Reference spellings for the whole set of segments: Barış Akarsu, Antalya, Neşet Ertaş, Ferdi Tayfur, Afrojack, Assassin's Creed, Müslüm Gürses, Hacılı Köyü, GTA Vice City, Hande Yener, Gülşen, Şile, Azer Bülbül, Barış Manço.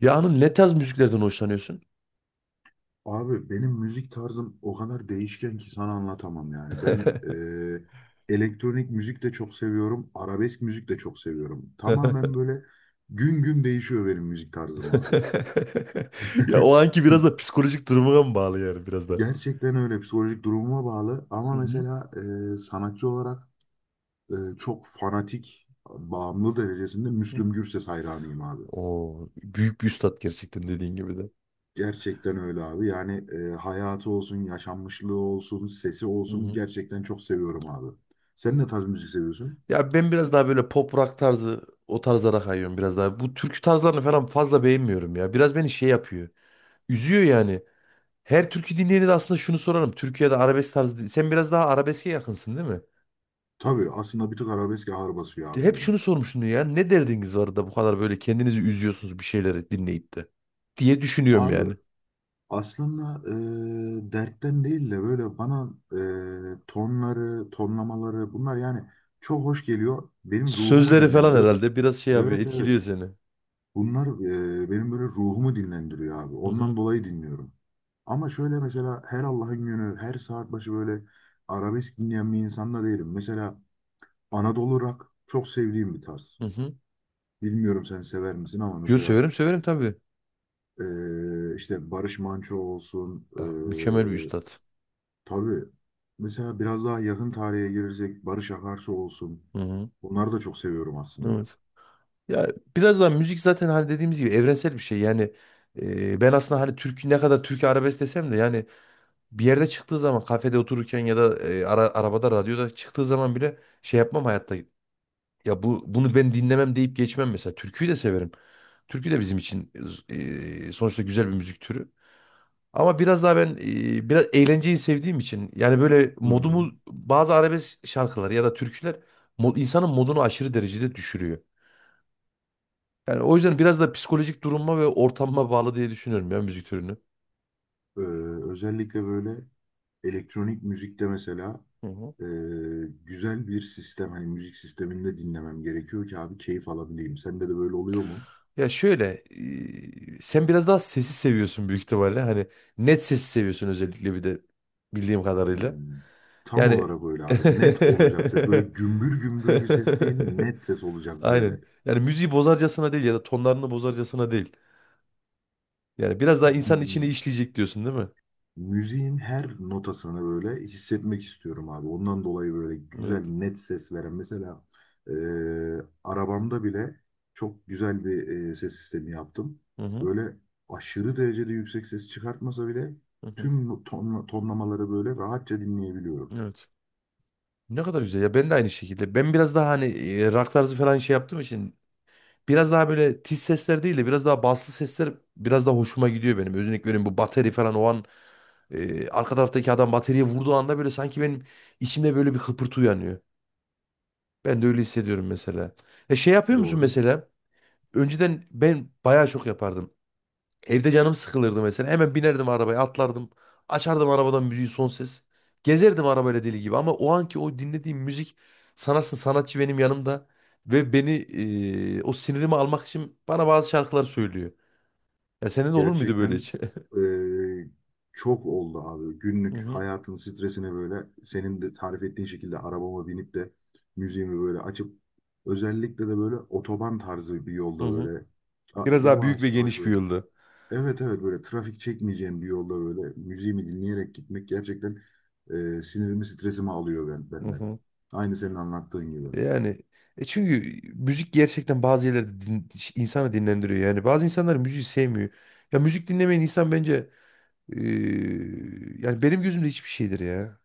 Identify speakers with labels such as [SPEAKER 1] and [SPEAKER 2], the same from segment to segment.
[SPEAKER 1] Ya hanım ne tarz müziklerden hoşlanıyorsun?
[SPEAKER 2] Abi benim müzik tarzım o kadar değişken ki sana anlatamam yani. Ben elektronik müzik de çok seviyorum, arabesk müzik de çok seviyorum. Tamamen böyle gün gün değişiyor benim müzik tarzım abi.
[SPEAKER 1] Ya o anki biraz da psikolojik durumuna mı bağlı yani biraz da?
[SPEAKER 2] Gerçekten öyle psikolojik durumuma bağlı
[SPEAKER 1] Hı
[SPEAKER 2] ama
[SPEAKER 1] hı.
[SPEAKER 2] mesela sanatçı olarak çok fanatik, bağımlı derecesinde Müslüm Gürses hayranıyım abi.
[SPEAKER 1] Oo, büyük bir üstat gerçekten dediğin gibi de.
[SPEAKER 2] Gerçekten öyle abi. Yani hayatı olsun, yaşanmışlığı olsun, sesi
[SPEAKER 1] Hı
[SPEAKER 2] olsun
[SPEAKER 1] hı.
[SPEAKER 2] gerçekten çok seviyorum abi. Sen ne tarz müzik seviyorsun?
[SPEAKER 1] Ya ben biraz daha böyle pop rock tarzı o tarzlara kayıyorum biraz daha. Bu türkü tarzlarını falan fazla beğenmiyorum ya. Biraz beni şey yapıyor. Üzüyor yani. Her türkü dinleyeni de aslında şunu sorarım. Türkiye'de arabesk tarzı. Sen biraz daha arabeske yakınsın değil mi?
[SPEAKER 2] Tabii aslında bir tık arabesk ağır basıyor abi
[SPEAKER 1] Hep
[SPEAKER 2] benim.
[SPEAKER 1] şunu sormuştum ya. Ne derdiniz var da bu kadar böyle kendinizi üzüyorsunuz bir şeyleri dinleyip de diye düşünüyorum
[SPEAKER 2] Abi
[SPEAKER 1] yani.
[SPEAKER 2] aslında dertten değil de böyle bana tonları, tonlamaları bunlar yani çok hoş geliyor. Benim ruhumu
[SPEAKER 1] Sözleri falan
[SPEAKER 2] dinlendiriyor.
[SPEAKER 1] herhalde biraz şey yapıyor,
[SPEAKER 2] Evet,
[SPEAKER 1] etkiliyor
[SPEAKER 2] evet.
[SPEAKER 1] seni.
[SPEAKER 2] Bunlar benim böyle ruhumu dinlendiriyor abi.
[SPEAKER 1] Hı hı.
[SPEAKER 2] Ondan dolayı dinliyorum. Ama şöyle mesela her Allah'ın günü, her saat başı böyle arabesk dinleyen bir insan da değilim. Mesela Anadolu rock çok sevdiğim bir tarz.
[SPEAKER 1] Hı hı.
[SPEAKER 2] Bilmiyorum sen sever misin ama
[SPEAKER 1] Yo,
[SPEAKER 2] mesela
[SPEAKER 1] severim severim tabii.
[SPEAKER 2] işte Barış Manço olsun.
[SPEAKER 1] Ya, mükemmel bir üstad.
[SPEAKER 2] Tabii mesela biraz daha yakın tarihe girecek Barış Akarsu olsun.
[SPEAKER 1] Hı hı.
[SPEAKER 2] Bunları da çok seviyorum aslında.
[SPEAKER 1] Evet. Ya biraz daha müzik zaten hani dediğimiz gibi evrensel bir şey. Yani, ben aslında hani Türk ne kadar Türkiye arabesk desem de yani bir yerde çıktığı zaman kafede otururken ya da arabada radyoda çıktığı zaman bile şey yapmam hayatta. Ya, bunu ben dinlemem deyip geçmem mesela. Türküyü de severim. Türkü de bizim için sonuçta güzel bir müzik türü. Ama biraz daha ben biraz eğlenceyi sevdiğim için yani böyle
[SPEAKER 2] Hı hı.
[SPEAKER 1] modumu bazı arabesk şarkılar ya da türküler insanın modunu aşırı derecede düşürüyor. Yani o yüzden biraz da psikolojik duruma ve ortamıma bağlı diye düşünüyorum ya müzik türünü.
[SPEAKER 2] Ee, Özellikle böyle elektronik müzikte mesela
[SPEAKER 1] Hı hı.
[SPEAKER 2] e, güzel bir sistem, hani müzik sisteminde dinlemem gerekiyor ki abi keyif alabileyim. Sende de böyle oluyor mu?
[SPEAKER 1] Ya şöyle, sen biraz daha sesi seviyorsun büyük ihtimalle. Hani net sesi seviyorsun özellikle bir de bildiğim kadarıyla.
[SPEAKER 2] Hmm. Tam
[SPEAKER 1] Yani
[SPEAKER 2] olarak böyle abi. Net olacak ses. Böyle gümbür gümbür bir ses değil, net ses olacak
[SPEAKER 1] aynen.
[SPEAKER 2] böyle.
[SPEAKER 1] Yani müziği bozarcasına değil ya da tonlarını bozarcasına değil. Yani biraz daha insanın içine
[SPEAKER 2] Hmm.
[SPEAKER 1] işleyecek diyorsun değil mi?
[SPEAKER 2] Müziğin her notasını böyle hissetmek istiyorum abi. Ondan dolayı böyle güzel
[SPEAKER 1] Evet.
[SPEAKER 2] net ses veren. Mesela e, arabamda bile çok güzel bir ses sistemi yaptım.
[SPEAKER 1] Hı hı.
[SPEAKER 2] Böyle aşırı derecede yüksek ses çıkartmasa bile
[SPEAKER 1] Hı hı.
[SPEAKER 2] tüm ton, tonlamaları böyle rahatça dinleyebiliyorum.
[SPEAKER 1] Evet. Ne kadar güzel ya, ben de aynı şekilde. Ben biraz daha hani rock tarzı falan şey yaptığım için biraz daha böyle tiz sesler değil de biraz daha baslı sesler biraz daha hoşuma gidiyor benim. Özellikle benim bu bateri falan o an arka taraftaki adam bateriye vurduğu anda böyle sanki benim içimde böyle bir kıpırtı uyanıyor. Ben de öyle hissediyorum mesela. E şey yapıyor musun
[SPEAKER 2] Doğru.
[SPEAKER 1] mesela? Önceden ben bayağı çok yapardım. Evde canım sıkılırdı mesela. Hemen binerdim arabaya, atlardım. Açardım arabadan müziği son ses. Gezerdim arabayla deli gibi, ama o anki o dinlediğim müzik sanatçı sanatçı benim yanımda ve beni, o sinirimi almak için bana bazı şarkılar söylüyor. Ya sende de olur muydu böyle
[SPEAKER 2] Gerçekten
[SPEAKER 1] hiç?
[SPEAKER 2] eee, çok oldu abi.
[SPEAKER 1] Hı
[SPEAKER 2] Günlük
[SPEAKER 1] hı.
[SPEAKER 2] hayatın stresine böyle senin de tarif ettiğin şekilde arabama binip de müziğimi böyle açıp özellikle de böyle otoban tarzı bir
[SPEAKER 1] Hı
[SPEAKER 2] yolda
[SPEAKER 1] hı.
[SPEAKER 2] böyle
[SPEAKER 1] Biraz daha büyük ve
[SPEAKER 2] yavaş yavaş
[SPEAKER 1] geniş bir
[SPEAKER 2] böyle.
[SPEAKER 1] yolda.
[SPEAKER 2] Evet, evet, böyle trafik çekmeyeceğim bir yolda böyle müziğimi dinleyerek gitmek gerçekten sinirimi stresimi alıyor benden. Aynı senin anlattığın gibi.
[SPEAKER 1] Yani çünkü müzik gerçekten bazı yerlerde insanı dinlendiriyor. Yani bazı insanlar müziği sevmiyor. Ya müzik dinlemeyen insan bence yani benim gözümde hiçbir şeydir ya.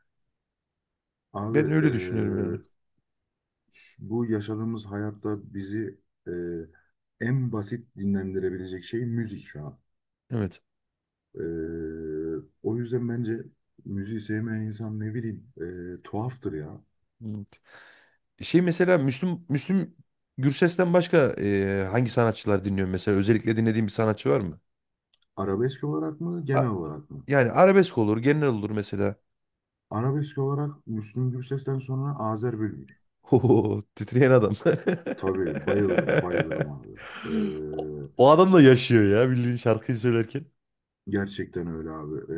[SPEAKER 2] Abi
[SPEAKER 1] Ben öyle düşünüyorum yani.
[SPEAKER 2] bu yaşadığımız hayatta bizi e, en basit dinlendirebilecek şey müzik şu an.
[SPEAKER 1] Evet.
[SPEAKER 2] E, o yüzden bence müziği sevmeyen insan ne bileyim tuhaftır ya.
[SPEAKER 1] Evet. Şey mesela Müslüm Gürses'ten başka hangi sanatçılar dinliyor mesela? Özellikle dinlediğin bir sanatçı var mı?
[SPEAKER 2] Arabesk olarak mı
[SPEAKER 1] A-
[SPEAKER 2] genel olarak mı?
[SPEAKER 1] yani arabesk olur, genel olur mesela.
[SPEAKER 2] Arabesk olarak Müslüm Gürses'ten sonra Azer Bülbül.
[SPEAKER 1] Ho, titreyen adam.
[SPEAKER 2] Tabii bayılırım bayılırım abi. E,
[SPEAKER 1] O o adam da yaşıyor ya bildiğin şarkıyı söylerken.
[SPEAKER 2] Gerçekten öyle abi.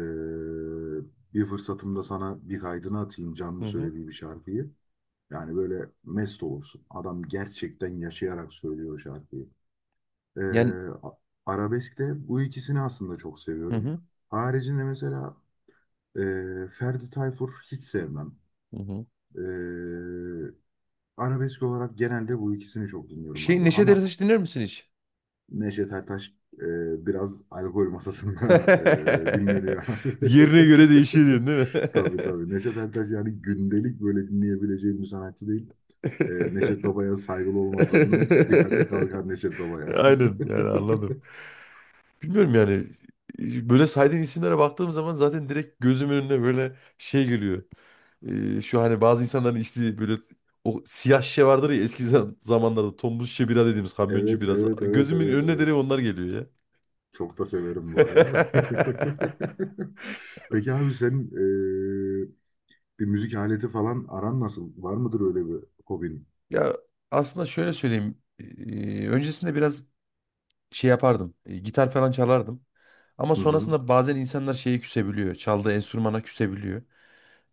[SPEAKER 2] Bir fırsatımda sana bir kaydını atayım
[SPEAKER 1] Hı
[SPEAKER 2] canlı
[SPEAKER 1] hı.
[SPEAKER 2] söylediği bir şarkıyı. Yani böyle mest olursun. Adam gerçekten yaşayarak söylüyor şarkıyı. Ee,
[SPEAKER 1] Yani.
[SPEAKER 2] a- Arabeskte bu ikisini aslında çok
[SPEAKER 1] Hı
[SPEAKER 2] seviyorum.
[SPEAKER 1] hı.
[SPEAKER 2] Haricinde mesela Ferdi Tayfur hiç sevmem.
[SPEAKER 1] Hı hı.
[SPEAKER 2] Ee, Arabesk olarak genelde bu ikisini çok dinliyorum abi.
[SPEAKER 1] Neşet
[SPEAKER 2] Ama
[SPEAKER 1] Ertaş dinler misin hiç?
[SPEAKER 2] Neşet Ertaş biraz alkol masasında dinleniyor abi.
[SPEAKER 1] Yerine göre değişiyor diyorsun değil
[SPEAKER 2] Tabii,
[SPEAKER 1] mi?
[SPEAKER 2] tabii. Neşet Ertaş yani gündelik böyle dinleyebileceğim bir sanatçı değil. Neşet Baba'ya saygılı olmak zorundayız. Bir kadeh kalkar Neşet Baba'ya.
[SPEAKER 1] Aynen, yani anladım. Bilmiyorum yani, böyle saydığın isimlere baktığım zaman zaten direkt gözümün önüne böyle şey geliyor. Şu hani bazı insanların içtiği böyle o siyah şişe vardır ya, eski zamanlarda tombul şişe bira dediğimiz kamyoncu
[SPEAKER 2] Evet,
[SPEAKER 1] birası.
[SPEAKER 2] evet, evet,
[SPEAKER 1] Gözümün
[SPEAKER 2] evet,
[SPEAKER 1] önüne
[SPEAKER 2] evet.
[SPEAKER 1] direkt onlar geliyor ya.
[SPEAKER 2] Çok da severim bu arada. Peki abi senin e, bir müzik aleti falan aran nasıl? Var mıdır öyle bir hobin?
[SPEAKER 1] Ya aslında şöyle söyleyeyim. Öncesinde biraz şey yapardım. Gitar falan çalardım. Ama
[SPEAKER 2] Hı hı.
[SPEAKER 1] sonrasında bazen insanlar şeye küsebiliyor. Çaldığı enstrümana küsebiliyor.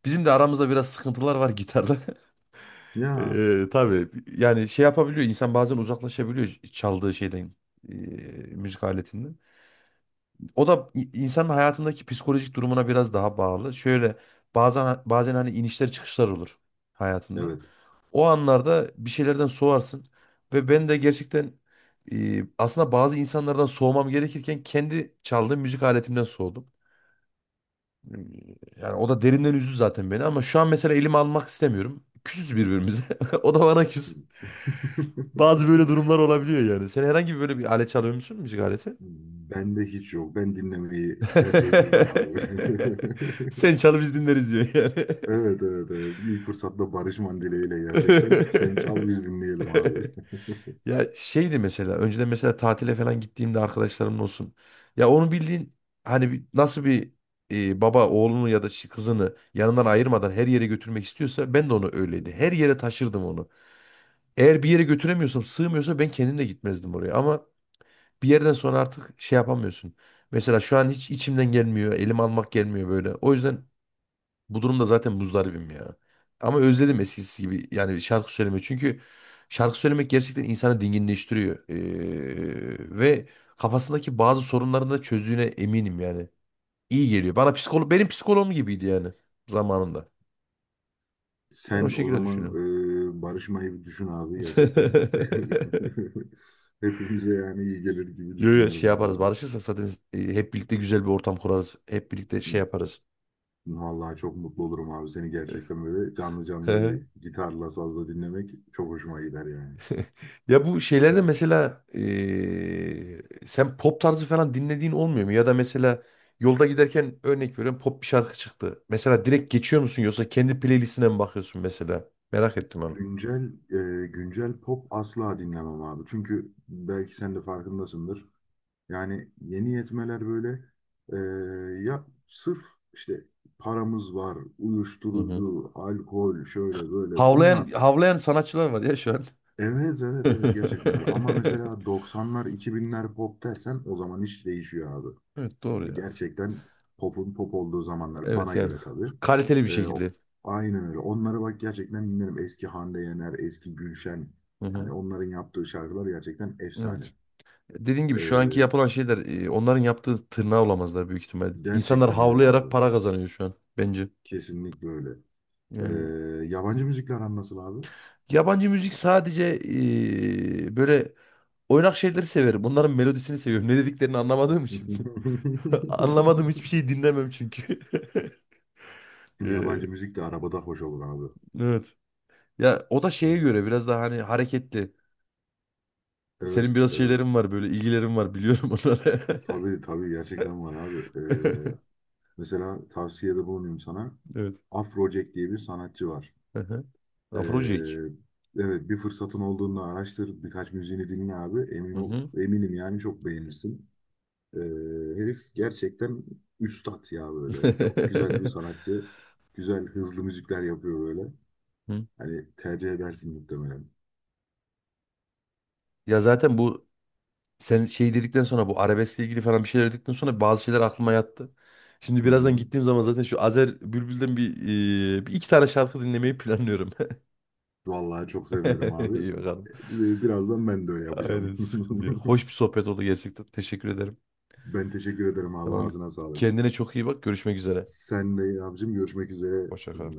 [SPEAKER 1] Bizim de aramızda biraz sıkıntılar var gitarda.
[SPEAKER 2] Ya,
[SPEAKER 1] Tabii, yani şey yapabiliyor. İnsan bazen uzaklaşabiliyor çaldığı şeyden. eee, Müzik aletinden. O da insanın hayatındaki psikolojik durumuna biraz daha bağlı. Şöyle, bazen bazen hani inişler çıkışlar olur hayatında.
[SPEAKER 2] evet.
[SPEAKER 1] O anlarda bir şeylerden soğarsın. Ve ben de gerçekten, aslında bazı insanlardan soğumam gerekirken kendi çaldığım müzik aletimden soğudum. Yani o da derinden üzdü zaten beni, ama şu an mesela elimi almak istemiyorum. Küsüz birbirimize. O da bana küs. Bazı böyle durumlar olabiliyor yani. Sen herhangi bir böyle bir alet çalıyor musun? Müzik aleti?
[SPEAKER 2] Bende hiç yok. Ben dinlemeyi tercih ediyorum abi.
[SPEAKER 1] Sen çal biz dinleriz diyor yani.
[SPEAKER 2] Evet, evet, evet. İlk fırsatta Barış Mandile ile gerçekten. Sen çal biz dinleyelim abi.
[SPEAKER 1] Ya şeydi mesela, önceden mesela tatile falan gittiğimde arkadaşlarımın olsun. Ya onu bildiğin hani nasıl bir baba oğlunu ya da kızını yanından ayırmadan her yere götürmek istiyorsa, ben de onu
[SPEAKER 2] Hı
[SPEAKER 1] öyleydi.
[SPEAKER 2] hı.
[SPEAKER 1] Her yere taşırdım onu. Eğer bir yere götüremiyorsam, sığmıyorsa ben kendim de gitmezdim oraya. Ama bir yerden sonra artık şey yapamıyorsun. Mesela şu an hiç içimden gelmiyor. Elim almak gelmiyor böyle. O yüzden bu durumda zaten muzdaribim ya. Ama özledim eskisi gibi yani şarkı söylemeyi. Çünkü şarkı söylemek gerçekten insanı dinginleştiriyor. Ve kafasındaki bazı sorunlarını da çözdüğüne eminim yani. İyi geliyor. Bana benim psikoloğum gibiydi yani zamanında. Ben o
[SPEAKER 2] Sen o
[SPEAKER 1] şekilde
[SPEAKER 2] zaman
[SPEAKER 1] düşünüyorum.
[SPEAKER 2] barışmayı bir düşün abi. Gerçekten hepimize yani iyi gelir gibi
[SPEAKER 1] Yo yo, şey
[SPEAKER 2] düşünüyorum
[SPEAKER 1] yaparız.
[SPEAKER 2] valla.
[SPEAKER 1] Barışırsak zaten, hep birlikte güzel bir ortam kurarız. Hep birlikte şey yaparız.
[SPEAKER 2] Vallahi çok mutlu olurum abi. Seni gerçekten böyle canlı canlı bir gitarla sazla dinlemek çok hoşuma gider yani.
[SPEAKER 1] Ya bu şeylerde mesela, sen pop tarzı falan dinlediğin olmuyor mu? Ya da mesela yolda giderken, örnek veriyorum, pop bir şarkı çıktı. Mesela direkt geçiyor musun, yoksa kendi playlistine mi bakıyorsun mesela? Merak ettim onu.
[SPEAKER 2] Güncel güncel pop asla dinlemem abi. Çünkü belki sen de farkındasındır. Yani yeni yetmeler böyle e, ya sırf işte paramız var,
[SPEAKER 1] Hı hı.
[SPEAKER 2] uyuşturucu, alkol, şöyle böyle
[SPEAKER 1] Havlayan
[SPEAKER 2] bunlar.
[SPEAKER 1] havlayan sanatçılar var ya şu an.
[SPEAKER 2] Evet, evet, evet, gerçekten öyle. Ama mesela 90'lar 2000'ler pop dersen o zaman iş değişiyor abi.
[SPEAKER 1] Evet, doğru
[SPEAKER 2] Yani
[SPEAKER 1] ya.
[SPEAKER 2] gerçekten popun pop olduğu zamanlar
[SPEAKER 1] Evet,
[SPEAKER 2] bana
[SPEAKER 1] yani
[SPEAKER 2] göre tabii.
[SPEAKER 1] kaliteli bir
[SPEAKER 2] E, o-
[SPEAKER 1] şekilde.
[SPEAKER 2] aynen öyle. Onlara bak gerçekten dinlerim. Eski Hande Yener, eski Gülşen.
[SPEAKER 1] Hı
[SPEAKER 2] Yani
[SPEAKER 1] hı.
[SPEAKER 2] onların yaptığı şarkılar gerçekten efsane.
[SPEAKER 1] Evet. Dediğim gibi şu anki
[SPEAKER 2] E,
[SPEAKER 1] yapılan şeyler, onların yaptığı tırnağa olamazlar büyük ihtimal. İnsanlar
[SPEAKER 2] Gerçekten öyle
[SPEAKER 1] havlayarak
[SPEAKER 2] abi.
[SPEAKER 1] para kazanıyor şu an bence.
[SPEAKER 2] Kesinlikle öyle.
[SPEAKER 1] Yani.
[SPEAKER 2] Ee, Yabancı müzikle aran nasıl abi?
[SPEAKER 1] Yabancı müzik sadece, böyle oynak şeyleri severim. Onların melodisini seviyorum. Ne dediklerini anlamadığım için. Anlamadığım hiçbir şeyi dinlemem çünkü. Eee,
[SPEAKER 2] Yabancı müzik de arabada hoş olur abi.
[SPEAKER 1] evet. Ya o da şeye
[SPEAKER 2] Yani,
[SPEAKER 1] göre biraz daha hani hareketli. Senin
[SPEAKER 2] evet,
[SPEAKER 1] biraz
[SPEAKER 2] evet.
[SPEAKER 1] şeylerin var, böyle ilgilerin var, biliyorum onları.
[SPEAKER 2] Tabii, tabii, gerçekten var abi. Ee, Mesela tavsiyede bulunayım sana.
[SPEAKER 1] Evet.
[SPEAKER 2] Afrojack diye bir sanatçı var.
[SPEAKER 1] Hı hı.
[SPEAKER 2] Ee,
[SPEAKER 1] Afrojack.
[SPEAKER 2] evet, bir fırsatın olduğunda araştır. Birkaç müziğini dinle abi. Emin
[SPEAKER 1] Hı
[SPEAKER 2] ol,
[SPEAKER 1] hı.
[SPEAKER 2] eminim yani çok beğenirsin. Ee, Herif gerçekten üstat ya böyle. Çok güzel bir sanatçı. Güzel hızlı müzikler yapıyor böyle.
[SPEAKER 1] Hı.
[SPEAKER 2] Hani tercih edersin muhtemelen.
[SPEAKER 1] Ya zaten sen şey dedikten sonra, bu arabeskle ilgili falan bir şeyler dedikten sonra bazı şeyler aklıma yattı. Şimdi
[SPEAKER 2] Hı
[SPEAKER 1] birazdan
[SPEAKER 2] hı.
[SPEAKER 1] gittiğim zaman zaten şu Azer Bülbül'den bir iki tane şarkı dinlemeyi planlıyorum.
[SPEAKER 2] Vallahi çok sevinirim abi.
[SPEAKER 1] İyi bakalım.
[SPEAKER 2] Birazdan ben de öyle yapacağım.
[SPEAKER 1] Aynen, sıkıntı yok. Hoş bir sohbet oldu gerçekten. Teşekkür ederim.
[SPEAKER 2] Ben teşekkür ederim abi.
[SPEAKER 1] Tamam.
[SPEAKER 2] Ağzına sağlık.
[SPEAKER 1] Kendine çok iyi bak. Görüşmek üzere.
[SPEAKER 2] Sen de abicim, görüşmek üzere.
[SPEAKER 1] Hoşça kal.